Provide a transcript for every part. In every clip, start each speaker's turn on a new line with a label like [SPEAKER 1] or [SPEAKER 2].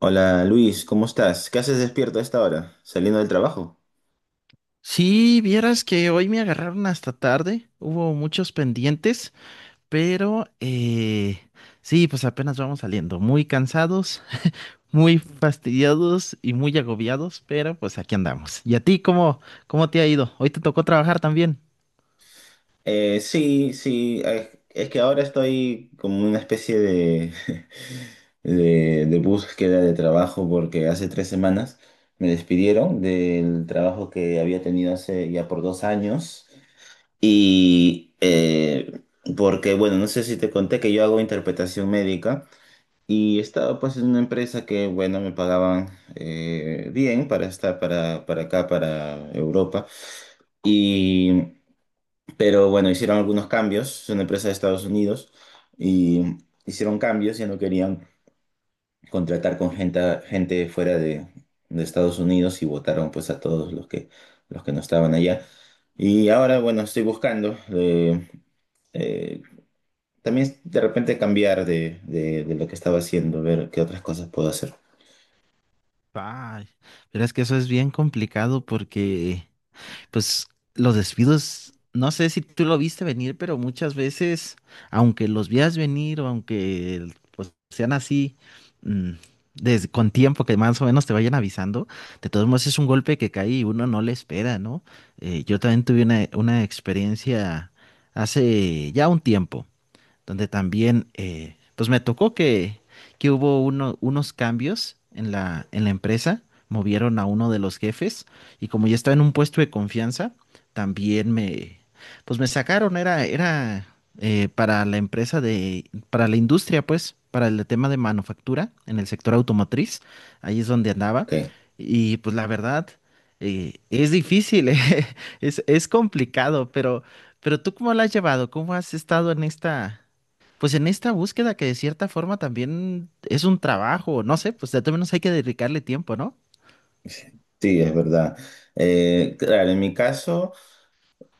[SPEAKER 1] Hola Luis, ¿cómo estás? ¿Qué haces despierto a esta hora? ¿Saliendo del trabajo?
[SPEAKER 2] Sí, vieras que hoy me agarraron hasta tarde, hubo muchos pendientes, pero sí, pues apenas vamos saliendo, muy cansados, muy fastidiados y muy agobiados, pero pues aquí andamos. ¿Y a ti cómo, cómo te ha ido? Hoy te tocó trabajar también.
[SPEAKER 1] Sí, sí, es que ahora estoy como una especie de, de búsqueda de trabajo porque hace 3 semanas me despidieron del trabajo que había tenido hace ya por 2 años y eh, porque, bueno, no sé si te conté que yo hago interpretación médica. Y estaba pues en una empresa que, bueno, me pagaban bien para estar para acá, para Europa. Y, pero bueno, hicieron algunos cambios, es una empresa de Estados Unidos, y hicieron cambios y no querían contratar con gente fuera de Estados Unidos y votaron pues a todos los que no estaban allá. Y ahora, bueno, estoy buscando eh, también de repente cambiar de lo que estaba haciendo, ver qué otras cosas puedo hacer.
[SPEAKER 2] Ay, pero es que eso es bien complicado porque, pues, los despidos, no sé si tú lo viste venir, pero muchas veces, aunque los veas venir o aunque, pues, sean así, mm, con tiempo que más o menos te vayan avisando, de todos modos es un golpe que cae y uno no le espera, ¿no? Yo también tuve una experiencia hace ya un tiempo donde también, pues me tocó que hubo unos cambios en en la empresa, movieron a uno de los jefes y como ya estaba en un puesto de confianza, también me, pues me sacaron, era para la empresa de, para la industria, pues, para el tema de manufactura en el sector automotriz, ahí es donde andaba.
[SPEAKER 1] Ok,
[SPEAKER 2] Y pues la verdad, es difícil, es complicado, pero... Pero tú, ¿cómo la has llevado? ¿Cómo has estado en esta, pues en esta búsqueda que de cierta forma también es un trabajo, no sé, pues de todos menos hay que dedicarle tiempo, ¿no?
[SPEAKER 1] sí, es verdad. Claro, en mi caso,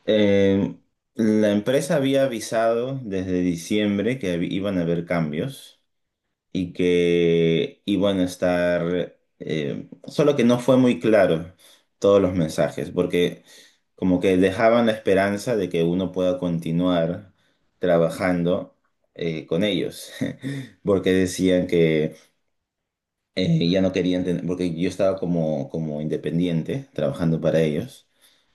[SPEAKER 1] eh, la empresa había avisado desde diciembre que iban a haber cambios y que iban a estar, solo que no fue muy claro todos los mensajes, porque como que dejaban la esperanza de que uno pueda continuar trabajando con ellos, porque decían que ya no querían tener, porque yo estaba como independiente, trabajando para ellos,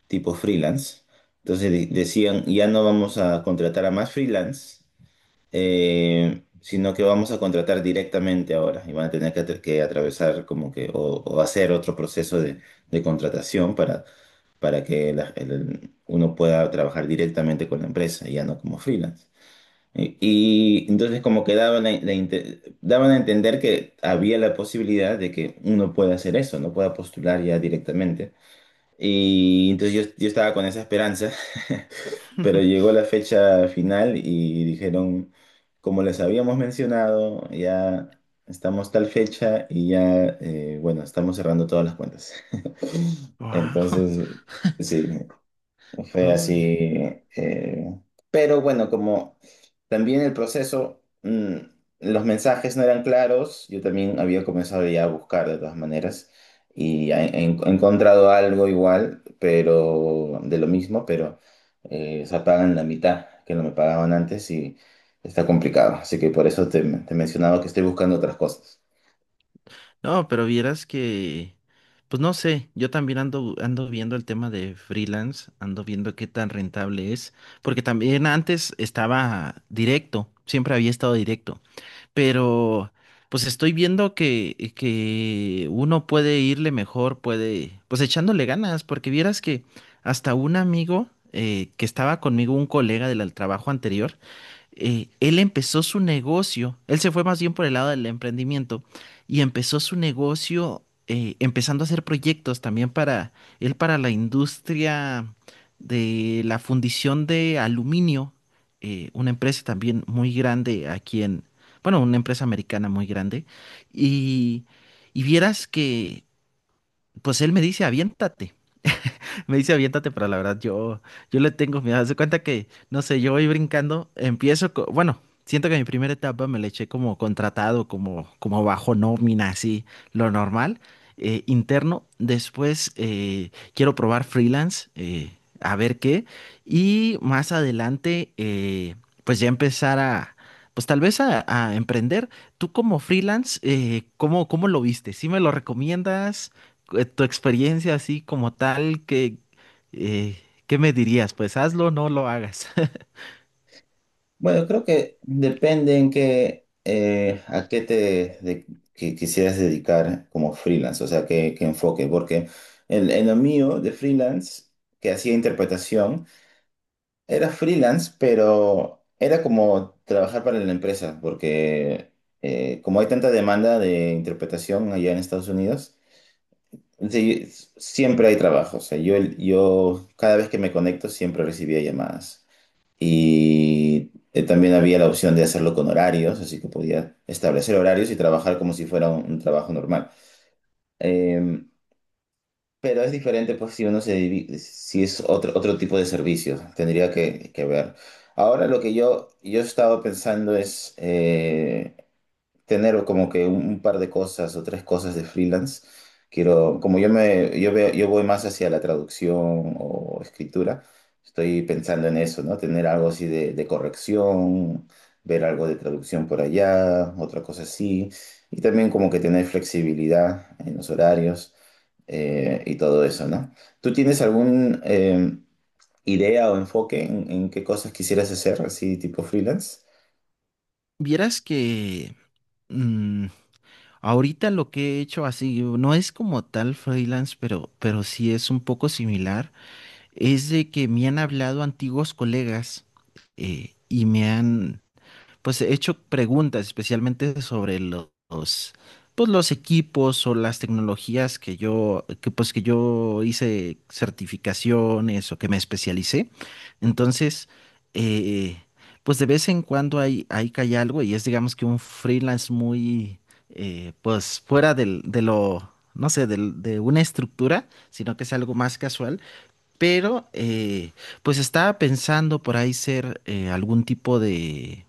[SPEAKER 1] tipo freelance. Entonces decían, ya no vamos a contratar a más freelance, sino que vamos a contratar directamente ahora. Y van a tener que, atravesar como que, o hacer otro proceso de contratación para que uno pueda trabajar directamente con la empresa, y ya no como freelance. Y entonces como que daban a entender que había la posibilidad de que uno pueda hacer eso, no pueda postular ya directamente. Y entonces yo estaba con esa esperanza, pero llegó la fecha final y dijeron, como les habíamos mencionado, ya estamos tal fecha y ya, bueno, estamos cerrando todas las cuentas.
[SPEAKER 2] Wow.
[SPEAKER 1] Entonces, sí, fue
[SPEAKER 2] Ay.
[SPEAKER 1] así. eh, pero bueno, como también el proceso, los mensajes no eran claros, yo también había comenzado ya a buscar de todas maneras y he encontrado algo igual, pero de lo mismo, pero se pagan la mitad que no me pagaban antes y está complicado. Así que por eso te mencionaba que estoy buscando otras cosas.
[SPEAKER 2] No, pero vieras que, pues no sé, yo también ando viendo el tema de freelance, ando viendo qué tan rentable es, porque también antes estaba directo, siempre había estado directo. Pero pues estoy viendo que uno puede irle mejor, puede, pues echándole ganas, porque vieras que hasta un amigo que estaba conmigo, un colega del al trabajo anterior, él empezó su negocio, él se fue más bien por el lado del emprendimiento y empezó su negocio, empezando a hacer proyectos también para él, para la industria de la fundición de aluminio, una empresa también muy grande aquí en, bueno, una empresa americana muy grande. Y, y vieras que, pues él me dice, aviéntate. Me dice aviéntate, pero la verdad yo le tengo miedo. Haz de cuenta que, no sé, yo voy brincando, empiezo, bueno, siento que mi primera etapa me la eché como contratado, como, como bajo nómina, así, lo normal, interno. Después quiero probar freelance, a ver qué. Y más adelante, pues ya empezar a, pues tal vez a emprender. Tú como freelance, ¿cómo, cómo lo viste? ¿Sí me lo recomiendas? Eh, tu experiencia así como tal, que, eh, ¿qué me dirías? Pues hazlo o no lo hagas.
[SPEAKER 1] Bueno, creo que depende en qué, a qué te de- que quisieras dedicar como freelance, o sea, qué enfoque, porque en lo mío de freelance, que hacía interpretación, era freelance, pero era como trabajar para la empresa, porque como hay tanta demanda de interpretación allá en Estados Unidos, sí, siempre hay trabajo, o sea, yo cada vez que me conecto siempre recibía llamadas. Y también había la opción de hacerlo con horarios, así que podía establecer horarios y trabajar como si fuera un trabajo normal. Eh, pero es diferente, pues, si si es otro tipo de servicio, tendría que ver. Ahora lo que yo he estado pensando es tener como que un par de cosas o tres cosas de freelance. Quiero, yo veo, yo voy más hacia la traducción o escritura, estoy pensando en eso, ¿no? Tener algo así de corrección, ver algo de traducción por allá, otra cosa así, y también como que tener flexibilidad en los horarios y todo eso, ¿no? ¿Tú tienes algún idea o enfoque en qué cosas quisieras hacer así tipo freelance?
[SPEAKER 2] Vieras que, mm, ahorita lo que he hecho así, no es como tal freelance, pero sí es un poco similar, es de que me han hablado antiguos colegas, y me han... pues he hecho preguntas especialmente sobre los, pues los equipos o las tecnologías que yo, que pues que yo hice certificaciones o que me especialicé. Entonces, eh, pues de vez en cuando hay que hay algo y es digamos que un freelance muy, pues fuera del, de lo, no sé, de una estructura, sino que es algo más casual. Pero, pues estaba pensando por ahí ser algún tipo de,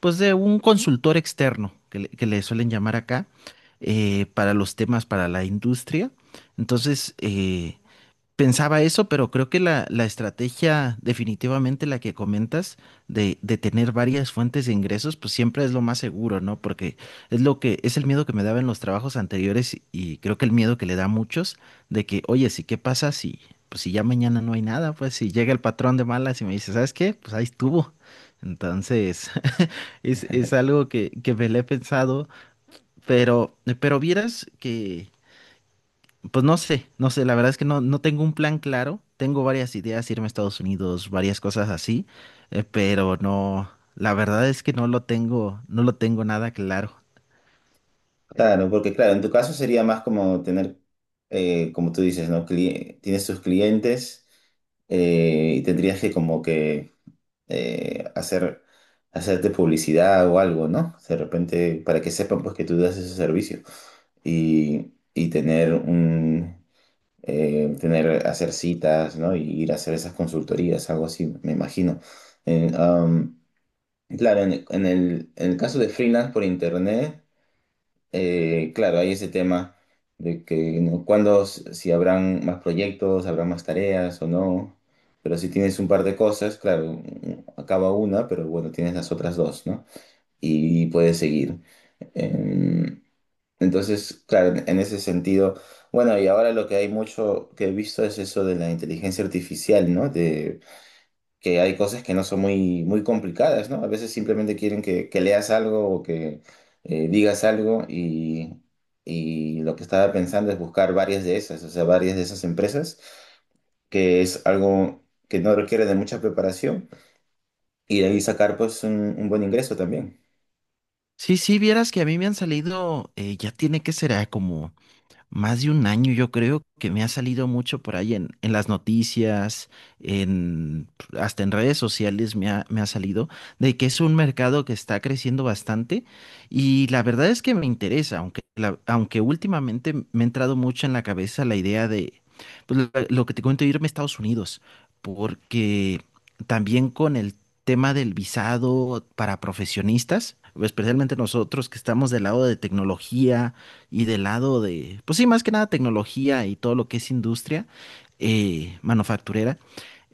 [SPEAKER 2] pues, de un consultor externo, que le suelen llamar acá, para los temas para la industria. Entonces, pensaba eso, pero creo que la estrategia, definitivamente la que comentas, de tener varias fuentes de ingresos, pues siempre es lo más seguro, ¿no? Porque es lo que, es el miedo que me daba en los trabajos anteriores y creo que el miedo que le da a muchos de que, oye, sí, ¿qué pasa si, pues si ya mañana no hay nada? Pues si llega el patrón de malas y me dice, ¿sabes qué? Pues ahí estuvo. Entonces, es algo que me le he pensado, pero vieras que, pues no sé, no sé, la verdad es que no, no tengo un plan claro, tengo varias ideas, irme a Estados Unidos, varias cosas así, pero no, la verdad es que no lo tengo, no lo tengo nada claro.
[SPEAKER 1] Claro, ¿no? Porque claro, en tu caso sería más como tener, como tú dices, ¿no? Tienes tus clientes y tendrías que como que eh, hacer, hacerte publicidad o algo, ¿no? De repente, para que sepan pues que tú das ese servicio y tener hacer citas, ¿no? Y ir a hacer esas consultorías, algo así, me imagino. En, um, claro, en el caso de freelance por internet. Claro, hay ese tema de que, ¿no? Si habrán más proyectos, habrá más tareas o no, pero si tienes un par de cosas, claro, acaba una, pero bueno, tienes las otras dos, ¿no? Y puedes seguir. Eh, entonces, claro, en ese sentido, bueno, y ahora lo que hay mucho que he visto es eso de la inteligencia artificial, ¿no? Que hay cosas que no son muy, muy complicadas, ¿no? A veces simplemente quieren que leas algo o que digas algo y lo que estaba pensando es buscar varias de esas, o sea, varias de esas empresas, que es algo que no requiere de mucha preparación y de ahí sacar pues un buen ingreso también.
[SPEAKER 2] Sí, sí, vieras que a mí me han salido, ya tiene que ser como más de un año, yo creo que me ha salido mucho por ahí en las noticias, en, hasta en redes sociales me ha salido, de que es un mercado que está creciendo bastante y la verdad es que me interesa, aunque, aunque últimamente me ha entrado mucho en la cabeza la idea de, pues, lo que te cuento, irme a Estados Unidos, porque también con el tema del visado para profesionistas, especialmente nosotros que estamos del lado de tecnología, y del lado de, pues sí, más que nada tecnología y todo lo que es industria, manufacturera,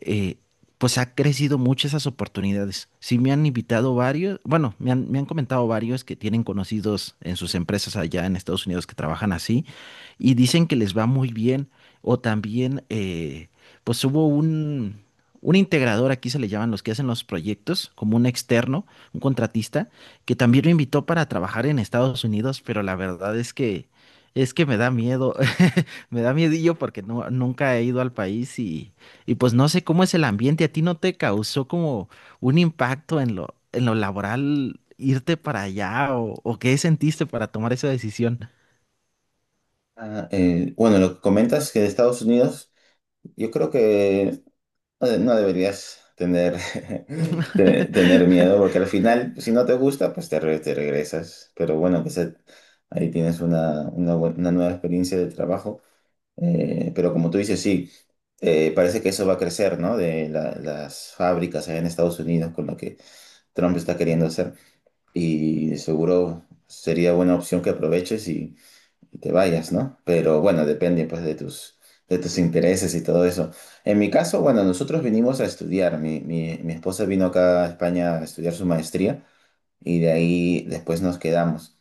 [SPEAKER 2] eh, pues ha crecido mucho esas oportunidades. Sí me han invitado varios, bueno, me han comentado varios que tienen conocidos en sus empresas allá en Estados Unidos que trabajan así y dicen que les va muy bien. O también, pues hubo un integrador, aquí se le llaman los que hacen los proyectos, como un externo, un contratista que también me invitó para trabajar en Estados Unidos, pero la verdad es que me da miedo, me da miedillo porque no, nunca he ido al país y pues no sé cómo es el ambiente. ¿A ti no te causó como un impacto en lo laboral irte para allá o qué sentiste para tomar esa decisión?
[SPEAKER 1] Bueno, lo que comentas que de Estados Unidos, yo creo que no deberías tener miedo, porque al final, si no te gusta, pues te regresas. Pero bueno, pues ahí tienes una nueva experiencia de trabajo. Pero como tú dices, sí, parece que eso va a crecer, ¿no? De las fábricas allá en Estados Unidos, con lo que Trump está queriendo hacer. Y seguro sería buena opción que aproveches y te vayas, ¿no? Pero bueno, depende pues de tus intereses y todo eso. En mi caso, bueno, nosotros vinimos a estudiar. Mi esposa vino acá a España a estudiar su maestría y de ahí después nos quedamos.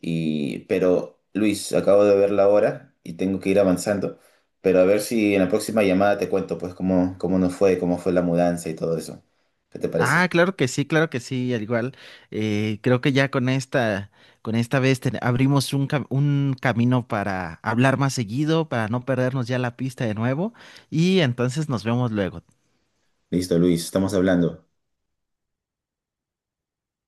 [SPEAKER 1] Y, pero, Luis, acabo de ver la hora y tengo que ir avanzando. Pero a ver si en la próxima llamada te cuento pues cómo nos fue, cómo fue la mudanza y todo eso. ¿Qué te
[SPEAKER 2] Ah,
[SPEAKER 1] parece?
[SPEAKER 2] claro que sí, al igual. Eh, creo que ya con esta vez abrimos un, un camino para hablar más seguido, para no perdernos ya la pista de nuevo. Y entonces nos vemos luego.
[SPEAKER 1] Listo, Luis, estamos hablando.